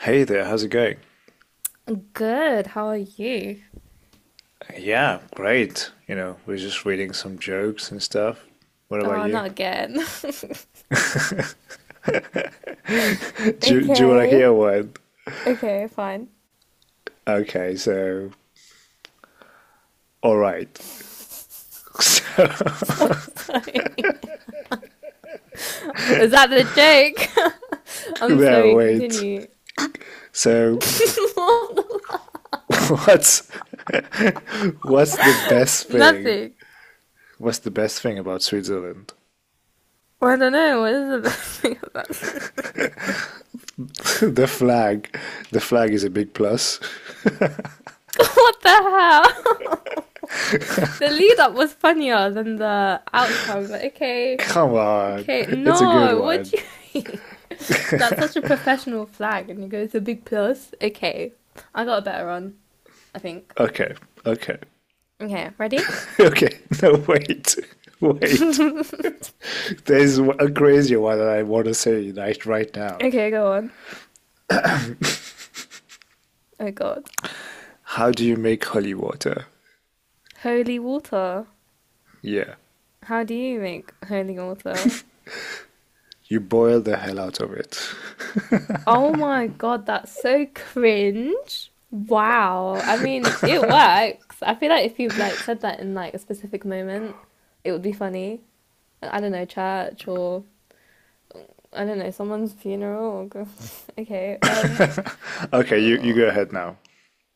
Hey there, how's it going? Good. How are you? Yeah, great. You know, we're just reading some jokes and stuff. What about Oh, you? not again. Do you want to Okay. hear one? Okay, fine. Okay, so, all right. So, Sorry. Was that the joke? I'm no, sorry. wait. Continue. So, what's what's the best thing? Nothing. What's the best thing about Switzerland? Well, I don't know. What is the best thing about this? The flag. The flag is a big plus. What the hell? The lead up was funnier than the outcome. But okay. Come on, Okay. it's a good No. What one. do you mean? That's such a professional flag, and you go to a big plus. Okay. I got a better one. I think. Okay, okay, Okay. Ready? okay. No, wait, wait. There's a crazier one that I want to say right now. Okay, go on. Oh God. How do you make holy water? Holy water. Yeah. How do you make holy water? You boil the hell out of it. Oh my God, that's so cringe. Wow. I mean, it works. I feel like if you like said that in like a specific moment, it would be funny. I don't know, church or I don't know, someone's funeral or okay. Okay, you go ahead now.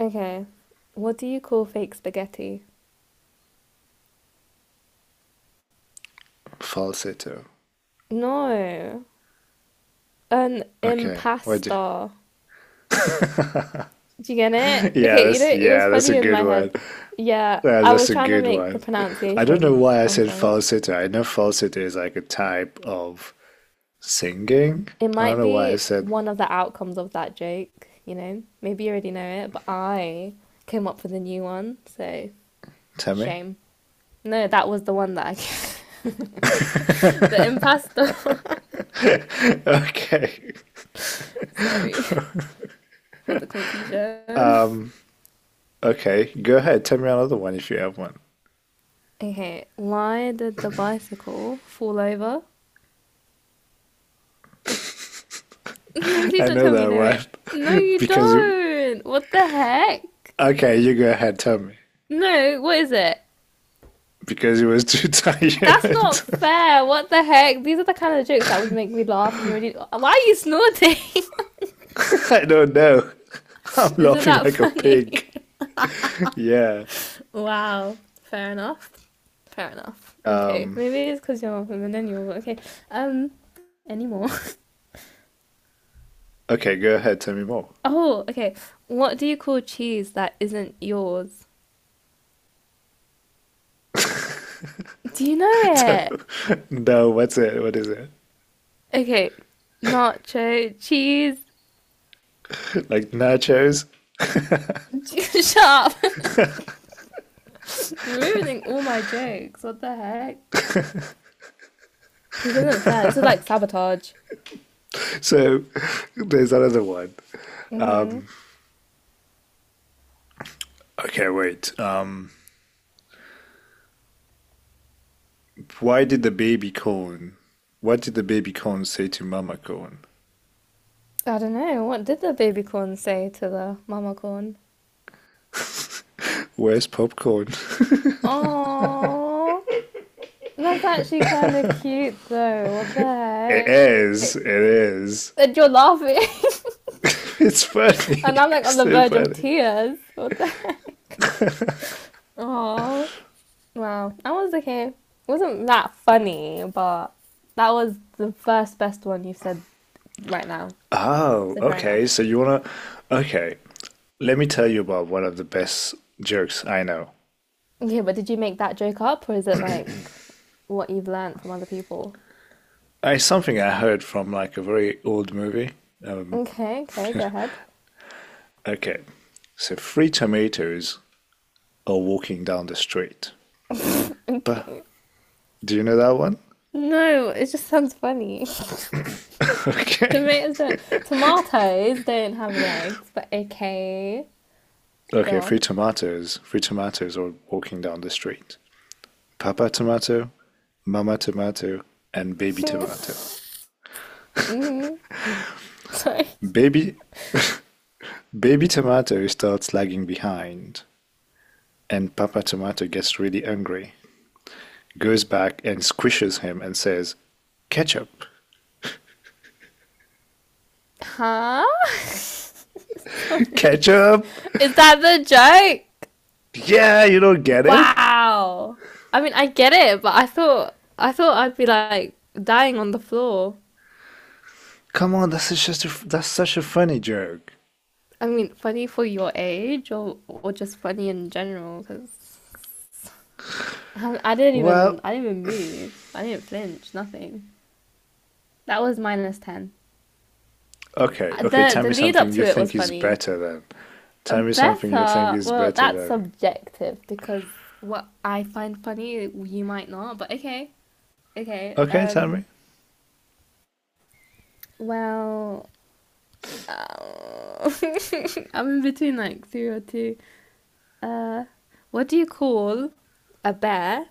Okay. What do you call fake spaghetti? Falsetto. No. An Okay. What do. impasta. Do you get it? Yeah, Okay, that's it was yeah, that's a funny in good my one. head. Yeah, Yeah, I that's was a trying to good make the one. I don't know pronunciation why I on said point. falsetto. I know falsetto is like a type of singing. It I don't might know why I be said one of the outcomes of that joke, you know? Maybe you already know it, but I came up with a new one, so tell me. shame. No, that was the one that I the impasto. okay. Sorry for the confusion. Um okay, go ahead, tell me another one if you have one. Okay, why did the bicycle fall over? No, please I don't know tell me you that know it. No, one you because you. don't. What the heck? Okay, you go ahead. Tell me No, what is it? because he was too That's tired. not fair. What the heck? These are the kind of jokes that would make me laugh, and you already. Why are you snorting? I don't know. I'm Isn't laughing that like a pig. funny? Yeah. wow. Fair enough. Fair enough. Okay. Um. Maybe it's because you're a millennial. Okay. Um. Anymore. Okay, go ahead. Tell me more. oh. Okay. What do you call cheese that isn't yours? Do you know So, it? no, what's it? What is it? Okay. Nacho cheese. Like nachos? Shut up. You're ruining all my jokes. What the heck? This isn't fair. This is like sabotage. So there's another one. Mm-hmm. Okay, wait. Why did the baby corn? What did the baby corn say to Mama corn? I don't know. What did the baby corn say to the mama corn? Where's popcorn? Oh, that's actually kind of cute though. What It the is. heck? It is. And you're laughing, It's funny. and I'm like on the so verge of funny. tears. What the heck? Oh, wow. I was okay. It wasn't that funny, but that was the first best one you said right now. Oh, So fair okay. enough. So you wanna? Okay. Let me tell you about one of the best jokes I know. Okay, but did you make that joke up, or is it like what you've learned from other people? It's something I heard from like a very old movie. Okay, okay, go ahead. Okay. So three tomatoes are walking down the street. But Okay. do you know that one? No, it just sounds funny. Okay. Tomatoes don't. Tomatoes don't have legs, but okay. Go Okay, three on. tomatoes. Three tomatoes are walking down the street. Papa tomato, mama tomato, and baby tomato. Hmm. Sorry. Baby Baby Tomato starts lagging behind, and Papa Tomato gets really angry, goes back and squishes him and says, Ketchup! Huh? Sorry. Ketchup! Is that the joke? Yeah, you don't get it? Wow. I mean, I get it, but I thought I'd be like dying on the floor. Come on, that's such a funny joke. I mean, funny for your age, or just funny in general, because Well, I didn't even move. I didn't flinch. Nothing. That was -10. okay, okay, the tell the me lead up something you to it was think is funny. better then. Tell me something you think Better, is well, better that's then. subjective because what I find funny, you might not. But okay, okay. Okay, tell Um, me. well, uh, I'm in between like two or two. Uh, what do you call a bear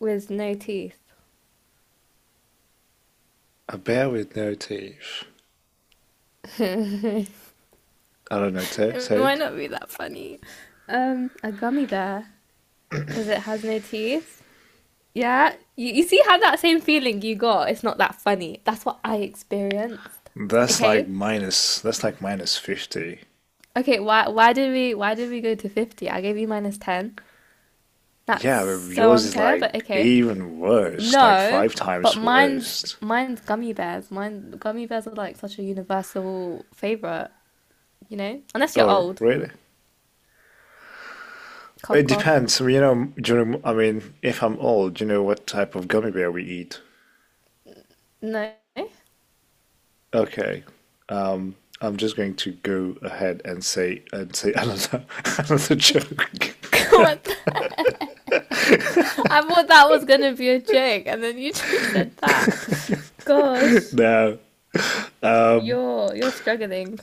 with no teeth? A bear with no teeth. I don't know, It say might it. not be that funny. A gummy bear because it has no teeth. Yeah, you see how that same feeling you got, it's not that funny. That's what I experienced. That's like Okay? minus, that's like minus 50. Okay, why did we go to 50? I gave you minus 10. That's Yeah, but so yours is unfair, but like okay. even worse, like No, five but times mine's worse. mine's gummy bears. Mine gummy bears are like such a universal favorite, you know? Unless you're Oh, old. really? Cough It cough. depends. You know, during, I mean, if I'm old, you know what type of gummy bear we eat. No. Okay, I'm just going to go ahead and say another another joke. What the- I thought that was gonna be a joke, and then you just said that. Gosh, Now, you're struggling.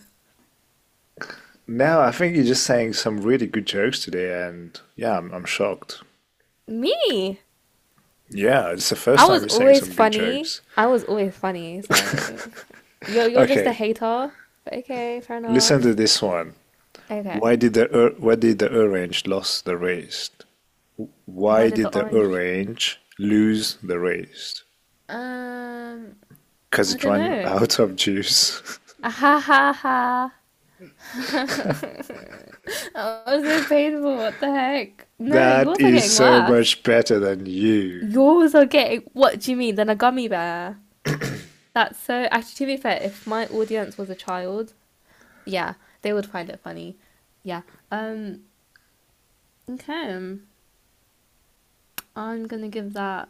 now I think you're just saying some really good jokes today, and yeah, I'm shocked. Me. Yeah, it's the first I time was you're saying always some good funny. jokes. I was always funny. So you're just Okay, a hater. But okay, fair listen to enough. this one. Okay. Why did the orange lose the race? Why Why did did the the orange? orange lose the race? Um, Cause I it don't ran know. out of juice. Ah, ha ha ha. That was so painful. What the heck? No, that yours are is getting so worse. much better than you. Yours are getting. What do you mean? Than a gummy bear? That's so. Actually, to be fair, if my audience was a child, yeah, they would find it funny. Yeah. Um. Okay, I'm gonna give that.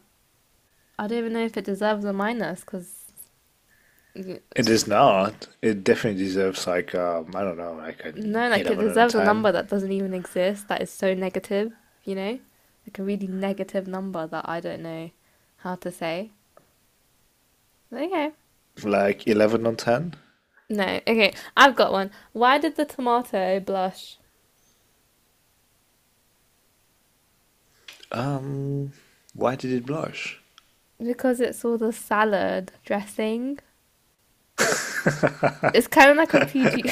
I don't even know if it deserves a minus because It is not. It definitely deserves like I don't know, like an no, like it 11 on deserves a ten, number that doesn't even exist. That is so negative, you know, like a really negative number that I don't know how to say. Okay, like 11 on ten. no, okay, I've got one. Why did the tomato blush? Um, why did it blush? Because it saw the salad dressing. It's kind of like a PG.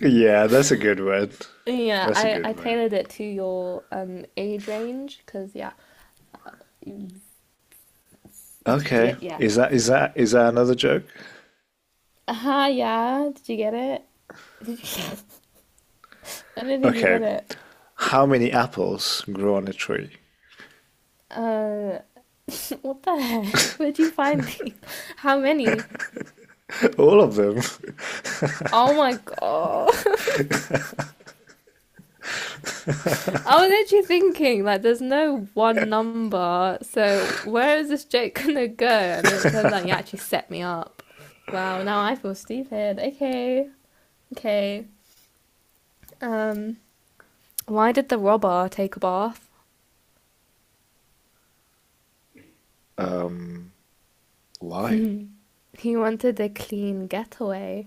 Yeah, that's a good one. yeah, That's a I good one. tailored it to your age range because yeah, you, you Okay, get yeah is that another joke? Aha, yeah. Did you get it? Did you... I don't think you got Okay, it. how many apples grow on a tree? Uh, what the heck? Where'd you find these? How many? All of them. Oh my god. I was actually thinking, like, there's no one number, so where is this joke gonna go? And then it turns out you actually set me up. Wow, now I feel stupid. Okay, okay. Um, why did the robber take a bath? Why? he wanted a clean getaway.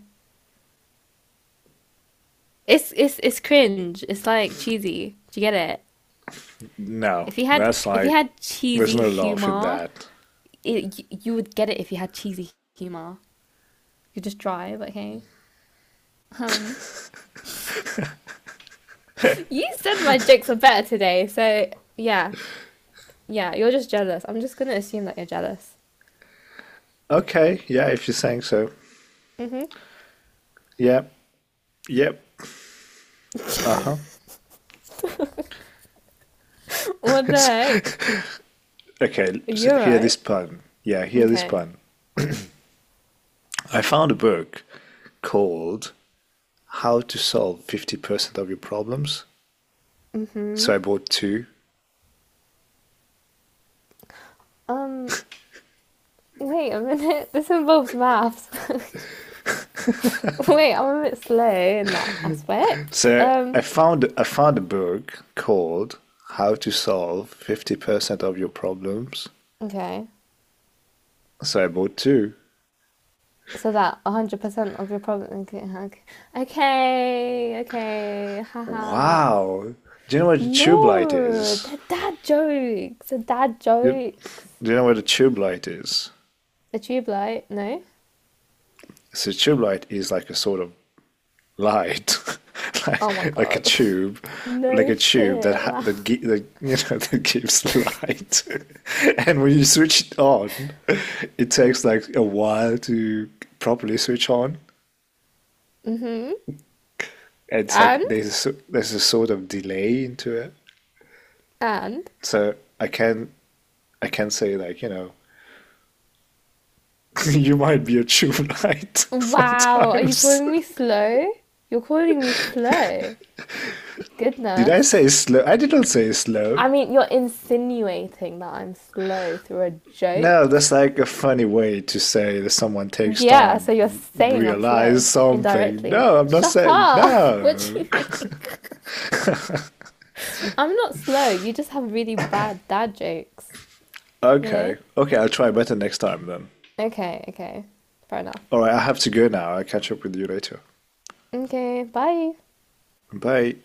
It's cringe. It's like cheesy. Do you get it? No, If you had that's if you like, had there's cheesy no love in humor, that. You would get it if you had cheesy humor. You just drive, okay? Um, you said my jokes are better today, so yeah, yeah. You're just jealous. I'm just gonna assume that you're jealous. Okay, yeah, if you're saying so. Hmm. Yep, yep, uh huh. What the heck? okay, so You're hear this right. pun. Yeah, hear this Okay. pun. I found a book called How to Solve 50% of Your Problems. So I bought two. Um, wait a minute. This involves maths. Wait, I'm a bit slow in that aspect. So I found a book called How to Solve 50% of Your Problems. Okay. So I bought two. So that 100% of your problem. Okay, okay, okay, okay, haha. Wow. Do you know what a tube light No, is? they're dad jokes. They're dad Do, jokes. do you know what a tube light is? A tube light? No? So a tube light is like a sort of light, Oh my like a god. tube, like No a tube that shit. ha Wow. that, gi that you know that gives light. And when you switch it on, it takes like a while to properly switch on. Mm-hmm. And it's like And? there's a sort of delay into it. And? So I can I can say, like, you might be a true knight Wow, are you sometimes. calling me slow? You're calling me slow. Did I Goodness. say slow? I didn't say slow. I mean, you're insinuating that I'm slow through a No, joke. that's like a funny way to say that someone takes Yeah, time so you're to saying I'm slow realize something. indirectly. No, I'm not Shut saying up. What do you no. think? I'm not slow. You just have really bad dad jokes, you okay, know? okay, I'll try better next time then. Okay, okay. Fair enough. All right, I have to go now. I'll catch up with you later. Okay, bye. Bye.